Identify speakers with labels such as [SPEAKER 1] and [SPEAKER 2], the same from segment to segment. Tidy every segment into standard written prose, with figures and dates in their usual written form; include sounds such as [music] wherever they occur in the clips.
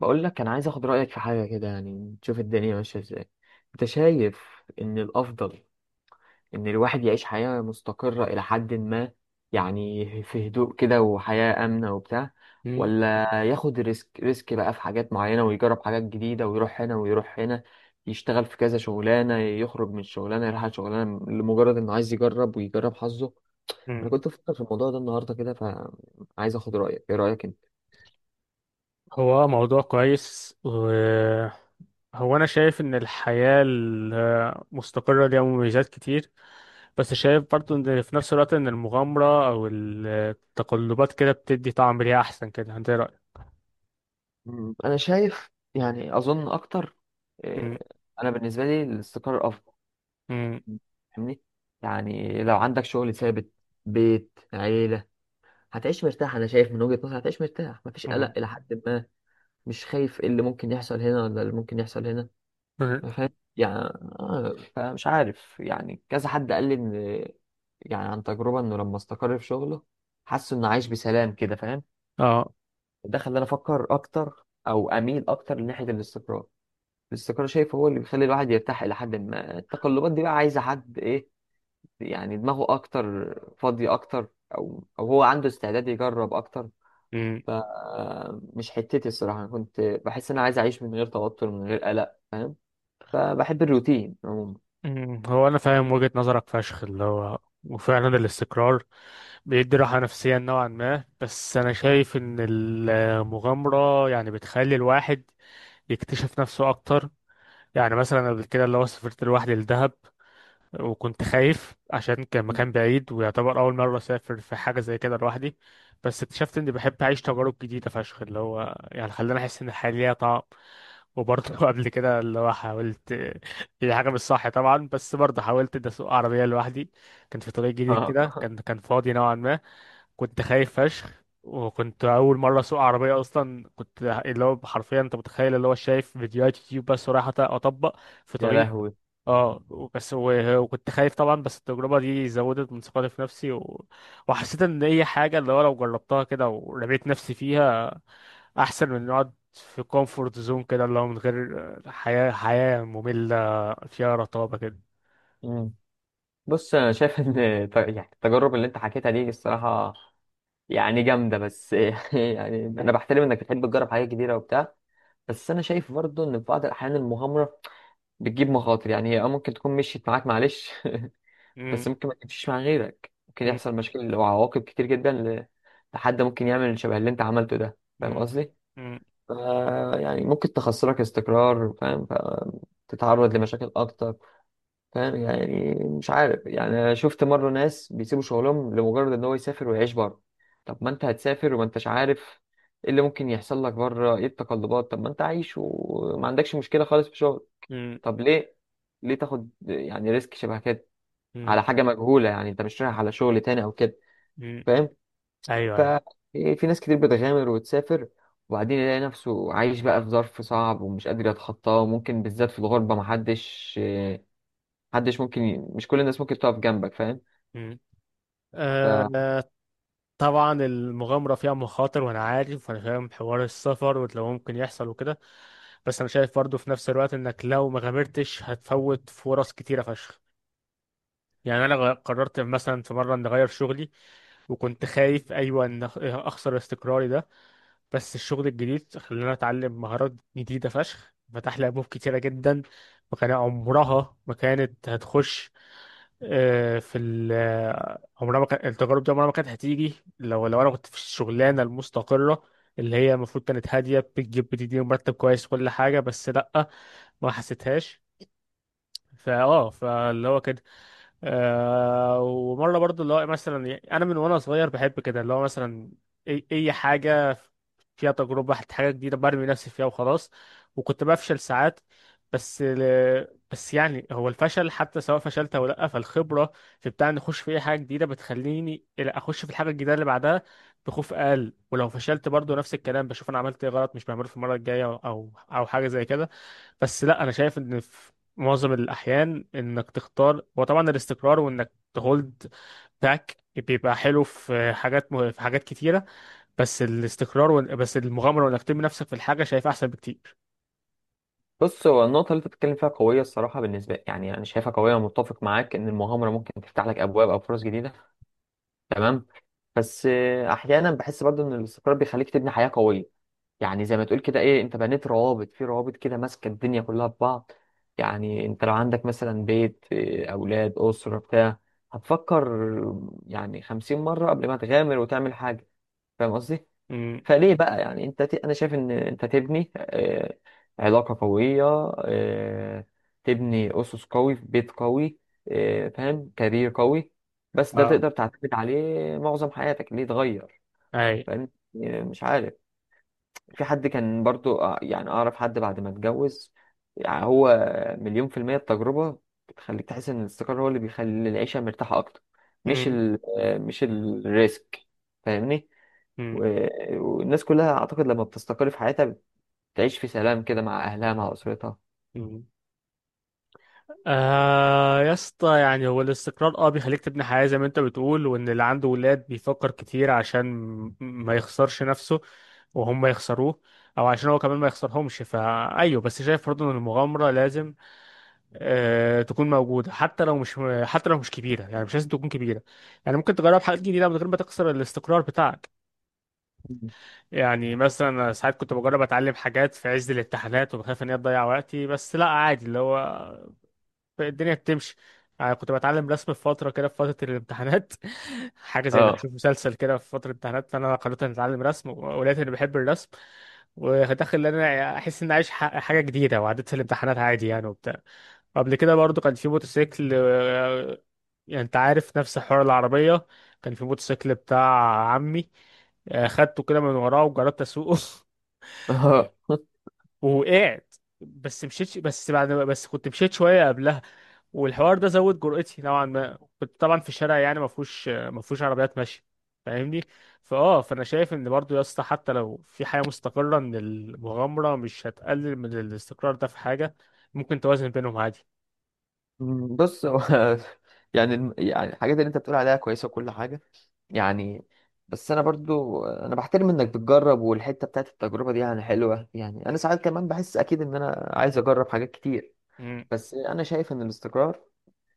[SPEAKER 1] بقول لك انا عايز اخد رايك في حاجه كده، يعني تشوف الدنيا ماشيه ازاي. انت شايف ان الافضل ان الواحد يعيش حياه مستقره الى حد ما، يعني في هدوء كده وحياه امنه وبتاع،
[SPEAKER 2] مم.
[SPEAKER 1] ولا ياخد ريسك بقى في حاجات معينه ويجرب حاجات جديده ويروح هنا ويروح هنا، يشتغل في كذا شغلانه، يخرج من شغلانه يروح على شغلانه، لمجرد انه عايز يجرب ويجرب حظه.
[SPEAKER 2] مم.
[SPEAKER 1] انا كنت بفكر في الموضوع ده النهارده كده، فعايز اخد رايك. ايه رايك؟
[SPEAKER 2] هو موضوع كويس أنا شايف إن الحياة المستقرة ليها مميزات كتير، بس شايف برضه إن في نفس الوقت إن المغامرة أو التقلبات كده بتدي طعم ليها أحسن كده. أنت إيه رأيك؟
[SPEAKER 1] مم. انا شايف، يعني اظن اكتر،
[SPEAKER 2] مم.
[SPEAKER 1] آه، انا بالنسبه لي الاستقرار افضل.
[SPEAKER 2] مم.
[SPEAKER 1] فاهمني؟ يعني لو عندك شغل ثابت، بيت، عيله، هتعيش مرتاح. انا شايف من وجهه نظري هتعيش مرتاح، مفيش قلق
[SPEAKER 2] مم.
[SPEAKER 1] الى حد ما. مش خايف إيه اللي ممكن يحصل هنا ولا اللي ممكن يحصل هنا.
[SPEAKER 2] مم.
[SPEAKER 1] فاهم؟ يعني فمش عارف. يعني كذا حد قال لي ان، يعني عن تجربه، انه لما استقر في شغله حس انه عايش بسلام كده، فاهم؟
[SPEAKER 2] آه.
[SPEAKER 1] ده خلاني افكر اكتر او اميل اكتر لناحيه الاستقرار. الاستقرار شايف هو اللي بيخلي الواحد يرتاح إلى حد ما. التقلبات دي بقى عايزة حد إيه؟ يعني دماغه أكتر، فاضي أكتر، أو هو عنده استعداد يجرب أكتر.
[SPEAKER 2] مم.
[SPEAKER 1] فمش حتتي الصراحة. أنا كنت بحس إن أنا عايز أعيش من غير توتر، من غير قلق، فاهم؟ فبحب الروتين عموما.
[SPEAKER 2] مم. هو أنا فاهم وجهة نظرك فشخ اللي هو، وفعلا الاستقرار بيدي راحة نفسية نوعا ما، بس أنا شايف إن المغامرة يعني بتخلي الواحد يكتشف نفسه أكتر. يعني مثلا قبل كده اللي هو سافرت لوحدي لدهب، وكنت خايف عشان كان مكان بعيد ويعتبر أول مرة أسافر في حاجة زي كده لوحدي، بس اكتشفت إني بحب أعيش تجارب جديدة فشخ اللي هو، يعني خلاني أحس إن الحياة ليها طعم. وبرضه [laughs] قبل كده اللي هو حاولت، هي حاجة مش صح طبعا بس برضه حاولت إني أسوق عربية لوحدي. كان في طريق جديد كده، كان
[SPEAKER 1] [laughs]
[SPEAKER 2] كان فاضي نوعا ما. كنت خايف فشخ، وكنت اول مره اسوق عربيه اصلا، كنت اللي هو حرفيا انت متخيل اللي هو شايف فيديوهات يوتيوب بس ورايح اطبق في
[SPEAKER 1] يا
[SPEAKER 2] طريق.
[SPEAKER 1] لهوي.
[SPEAKER 2] اه بس وكنت خايف طبعا، بس التجربة دي زودت من ثقتي في نفسي وحسيت ان هي حاجة اللي هو لو جربتها كده ورميت نفسي فيها احسن من نقعد في كومفورت زون كده اللي هو من غير حياة مملة فيها رطابة كده.
[SPEAKER 1] مم. بص، أنا شايف إن يعني التجارب اللي أنت حكيتها دي الصراحة، يعني جامدة بس. [laughs] يعني أنا بحترم إنك بتحب تجرب حاجات جديدة وبتاع. بس أنا شايف برضه إن في بعض الأحيان المغامرة بتجيب مخاطر. يعني هي ممكن تكون مشيت معاك، معلش. [laughs]
[SPEAKER 2] مم،
[SPEAKER 1] بس ممكن ما تمشيش مع غيرك. ممكن
[SPEAKER 2] مم،
[SPEAKER 1] يحصل مشاكل وعواقب كتير جدا، لحد ممكن يعمل شبه اللي انت عملته ده. فاهم
[SPEAKER 2] مم،
[SPEAKER 1] قصدي؟
[SPEAKER 2] مم،
[SPEAKER 1] ف- يعني ممكن تخسرك استقرار، فاهم؟ فتتعرض لمشاكل اكتر. فاهم؟ يعني مش عارف. يعني أنا شفت مرة ناس بيسيبوا شغلهم لمجرد ان هو يسافر ويعيش بره. طب ما انت هتسافر وما انتش عارف ايه اللي ممكن يحصل لك بره، ايه التقلبات. طب ما انت عايش وما عندكش مشكلة خالص في شغل.
[SPEAKER 2] مم،
[SPEAKER 1] طب ليه تاخد يعني ريسك شبه كده
[SPEAKER 2] مم،
[SPEAKER 1] على حاجة مجهولة؟ يعني انت مش رايح على شغل تاني او كده،
[SPEAKER 2] مم.
[SPEAKER 1] فاهم؟
[SPEAKER 2] ايوه، ايوه.
[SPEAKER 1] ففي ناس كتير بتغامر وتسافر، وبعدين يلاقي نفسه عايش بقى في ظرف صعب ومش قادر يتخطاه. وممكن بالذات في الغربة، محدش ممكن مش كل الناس ممكن تقف جنبك، فاهم؟
[SPEAKER 2] مم. آه، طبعا المغامرة فيها مخاطر وانا عارف وانا فاهم حوار السفر واللي هو ممكن يحصل وكده، بس انا شايف برضه في نفس الوقت انك لو ما غامرتش هتفوت فرص كتيره فشخ. يعني انا قررت مثلا في مره ان اغير شغلي، وكنت خايف ايوه ان اخسر استقراري ده، بس الشغل الجديد خلاني اتعلم مهارات جديده فشخ، فتح لي ابواب كتيره جدا. وكان عمرها ما كانت هتخش، آه، في ال آه، عمرها ما كان التجارب دي عمرها ما كانت هتيجي لو انا كنت في الشغلانه المستقره اللي هي المفروض كانت هاديه بتجيب بتديني مرتب كويس كل حاجه، بس لا، ما حسيتهاش. فاللي هو كان، ومره برضو اللي هو مثلا، يعني انا من وانا صغير بحب كده اللي هو مثلا أي حاجه فيها تجربه حاجه جديده برمي نفسي فيها وخلاص، وكنت بفشل ساعات. بس بس يعني هو الفشل حتى سواء فشلت او لا، فالخبره في بتاع ان اخش في اي حاجه جديده بتخليني إلى اخش في الحاجه الجديده اللي بعدها بخوف اقل. ولو فشلت برضو نفس الكلام، بشوف انا عملت ايه غلط مش بعمله في المره الجايه، او حاجه زي كده. بس لا انا شايف ان معظم الأحيان إنك تختار، وطبعا الاستقرار وإنك تهولد باك بيبقى حلو في في حاجات كتيرة، بس الاستقرار، بس المغامرة وإنك ترمي نفسك في الحاجة شايفها أحسن بكتير.
[SPEAKER 1] بص، هو النقطة اللي انت بتتكلم فيها قوية الصراحة بالنسبة لي. يعني انا شايفها قوية ومتفق معاك ان المغامرة ممكن تفتح لك ابواب او فرص جديدة. تمام. بس احيانا بحس برضه ان الاستقرار بيخليك تبني حياة قوية. يعني زي ما تقول كده، ايه، انت بنيت روابط في روابط كده، ماسكه الدنيا كلها ببعض. يعني انت لو عندك مثلا بيت، اولاد، اسره، بتاع، هتفكر يعني 50 مره قبل ما تغامر وتعمل حاجه، فاهم قصدي؟
[SPEAKER 2] امم.
[SPEAKER 1] فليه بقى؟ يعني انت انا شايف ان انت تبني علاقه قويه، آه، تبني اسس قوي في بيت قوي، فاهم، كارير قوي. بس ده
[SPEAKER 2] اه.
[SPEAKER 1] تقدر تعتمد عليه معظم حياتك. ليه تغير؟
[SPEAKER 2] أي.
[SPEAKER 1] فاهم؟ مش عارف. في حد كان برضو، يعني أعرف حد بعد ما اتجوز، يعني هو، مليون% التجربة بتخليك تحس إن الاستقرار هو اللي بيخلي العيشة مرتاحة أكتر. مش
[SPEAKER 2] امم.
[SPEAKER 1] ال آه، مش الريسك، فاهمني؟
[SPEAKER 2] امم.
[SPEAKER 1] و- والناس كلها أعتقد لما بتستقر في حياتها، بتعيش في سلام كده مع أهلها، مع أسرتها.
[SPEAKER 2] امم. آه يا اسطى، يعني هو الاستقرار اه بيخليك تبني حياة زي ما انت بتقول، وان اللي عنده ولاد بيفكر كتير عشان ما يخسرش نفسه وهم يخسروه، او عشان هو كمان ما يخسرهمش. فايوه، بس شايف برضه ان المغامرة لازم تكون موجودة حتى لو مش حتى لو مش كبيرة، يعني مش لازم تكون كبيرة. يعني ممكن تجرب حاجات جديدة من غير ما تكسر الاستقرار بتاعك.
[SPEAKER 1] مم.
[SPEAKER 2] يعني مثلا أنا ساعات كنت بجرب اتعلم حاجات في عز الامتحانات وبخاف ان هي تضيع وقتي، بس لا عادي اللي هو الدنيا بتمشي. يعني كنت بتعلم رسم في فترة كده في فترة الامتحانات، [laughs] حاجة زي انك
[SPEAKER 1] اه،
[SPEAKER 2] تشوف مسلسل كده في فترة الامتحانات، فانا قررت اني اتعلم رسم ولقيت اني بحب الرسم، وداخل ان انا احس اني عايش حاجة جديدة، وعديت في الامتحانات عادي يعني وبتاع. قبل كده برضو كان في موتوسيكل، يعني انت عارف نفس حوار العربية، كان في موتوسيكل بتاع عمي، خدته كده من وراه وجربت اسوقه.
[SPEAKER 1] اه. [laughs]
[SPEAKER 2] [laughs] ووقعت. بس مشيت، بس بعد بس كنت مشيت شوية قبلها. والحوار ده زود جرأتي نوعا ما، كنت طبعا في شارع يعني ما فيهوش عربيات ماشية، فاهمني. فانا شايف ان برضو يا اسطى حتى لو في حياة مستقرة ان المغامرة مش هتقلل من الاستقرار، ده في حاجة ممكن توازن بينهم عادي.
[SPEAKER 1] بص، هو. [laughs] يعني يعني الحاجات اللي انت بتقول عليها كويسه وكل حاجه، يعني. بس انا برضو انا بحترم انك بتجرب، والحته بتاعت التجربه دي يعني حلوه. يعني انا ساعات كمان بحس اكيد ان انا عايز اجرب حاجات كتير.
[SPEAKER 2] مم.
[SPEAKER 1] بس انا شايف ان الاستقرار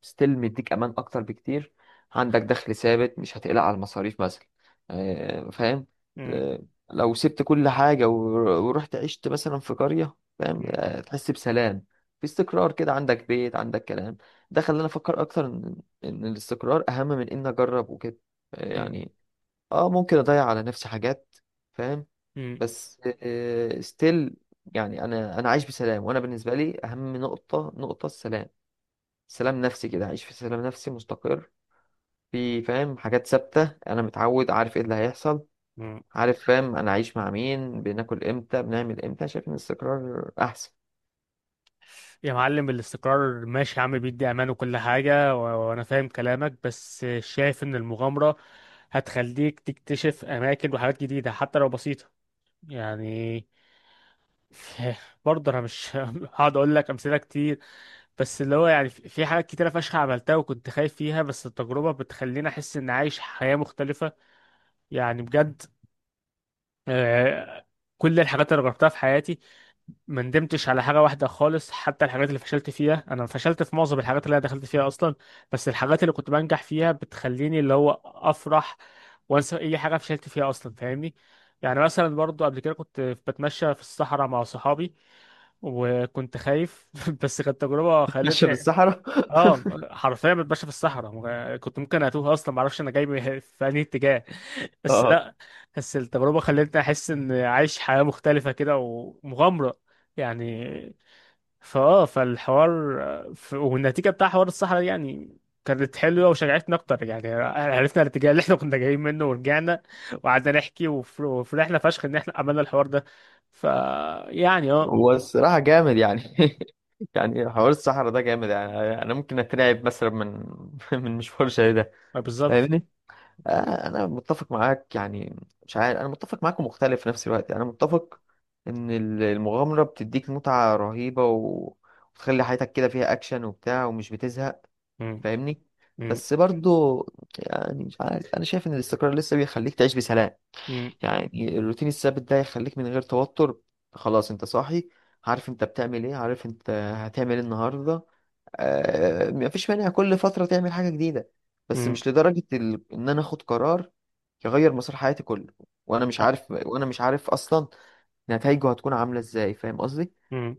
[SPEAKER 1] ستيل مديك امان اكتر بكتير. عندك دخل ثابت، مش هتقلق على المصاريف مثلا، فاهم. آه، لو سبت كل حاجه ورحت عشت مثلا في قريه، فاهم؟
[SPEAKER 2] مم.
[SPEAKER 1] تحس بسلام. في استقرار كده، عندك بيت، عندك كلام. ده خلاني افكر اكتر إن الاستقرار اهم من ان اجرب وكده،
[SPEAKER 2] مم.
[SPEAKER 1] يعني اه ممكن اضيع على نفسي حاجات، فاهم.
[SPEAKER 2] مم.
[SPEAKER 1] بس ستيل، يعني انا عايش بسلام. وانا بالنسبه لي اهم نقطه السلام. سلام نفسي كده، عايش في سلام نفسي، مستقر. في، فاهم، حاجات ثابته، انا متعود، عارف ايه اللي هيحصل.
[SPEAKER 2] مم.
[SPEAKER 1] عارف، فاهم، انا عايش مع مين، بناكل امتى، بنعمل امتى. شايف ان الاستقرار احسن.
[SPEAKER 2] يا معلم الاستقرار ماشي يا عم بيدي امان وكل حاجه، وانا فاهم كلامك، بس شايف ان المغامره هتخليك تكتشف اماكن وحاجات جديده حتى لو بسيطه. يعني [laughs] برضه انا مش [laughs] هقعد اقول لك امثله كتير. بس اللي هو يعني في في حاجات كتيره فشخ عملتها وكنت خايف فيها، بس التجربه بتخليني احس اني عايش حياه مختلفه، يعني بجد. آه، كل الحاجات اللي جربتها في حياتي ما ندمتش على حاجة واحدة خالص. حتى الحاجات اللي فشلت فيها، أنا فشلت في معظم الحاجات اللي أنا دخلت فيها أصلا، بس الحاجات اللي كنت بنجح فيها بتخليني اللي هو أفرح وأنسى أي حاجة فشلت فيها أصلا، فاهمني. يعني مثلا برضو قبل كده كنت بتمشى في الصحراء مع صحابي وكنت خايف، [laughs] بس كانت تجربة
[SPEAKER 1] ماشيه
[SPEAKER 2] خلتني.
[SPEAKER 1] بالصحراء؟
[SPEAKER 2] اه، حرفيا بتمشى في الصحراء كنت ممكن اتوه اصلا ما اعرفش انا جاي في انهي اتجاه. [laughs]
[SPEAKER 1] [laughs]
[SPEAKER 2] بس
[SPEAKER 1] اه.
[SPEAKER 2] لا، بس التجربه خلتني احس ان عايش حياه مختلفه كده ومغامره، يعني. فالحوار، والنتيجه بتاع حوار الصحراء دي يعني كانت حلوه وشجعتني اكتر يعني. عرفنا الاتجاه اللي احنا كنا جايين منه ورجعنا، وقعدنا نحكي وفرحنا فشخ ان احنا عملنا الحوار ده. ف يعني
[SPEAKER 1] والصراحه جامد يعني. [laughs] يعني حوار الصحراء ده جامد. يعني انا ممكن اترعب مثلا من [laughs] من مشوار زي ده.
[SPEAKER 2] بالظبط.
[SPEAKER 1] فاهمني؟ انا متفق معاك. يعني مش عارف، انا متفق معاك ومختلف في نفس الوقت. يعني انا متفق ان المغامره بتديك متعه رهيبه، وتخلي حياتك كده فيها اكشن وبتاع ومش بتزهق،
[SPEAKER 2] مم.
[SPEAKER 1] فاهمني؟
[SPEAKER 2] مم.
[SPEAKER 1] بس برضو، يعني مش عارف، انا شايف ان الاستقرار لسه بيخليك تعيش بسلام. يعني الروتين الثابت ده يخليك من غير توتر. خلاص، انت صاحي، عارف انت بتعمل ايه، عارف انت هتعمل ايه النهارده. آه، مفيش مانع كل فتره تعمل حاجه جديده. بس
[SPEAKER 2] مم.
[SPEAKER 1] مش لدرجه ان انا اخد قرار يغير مسار حياتي كله، وانا مش عارف اصلا نتائجه هتكون عامله ازاي. فاهم قصدي؟
[SPEAKER 2] مم.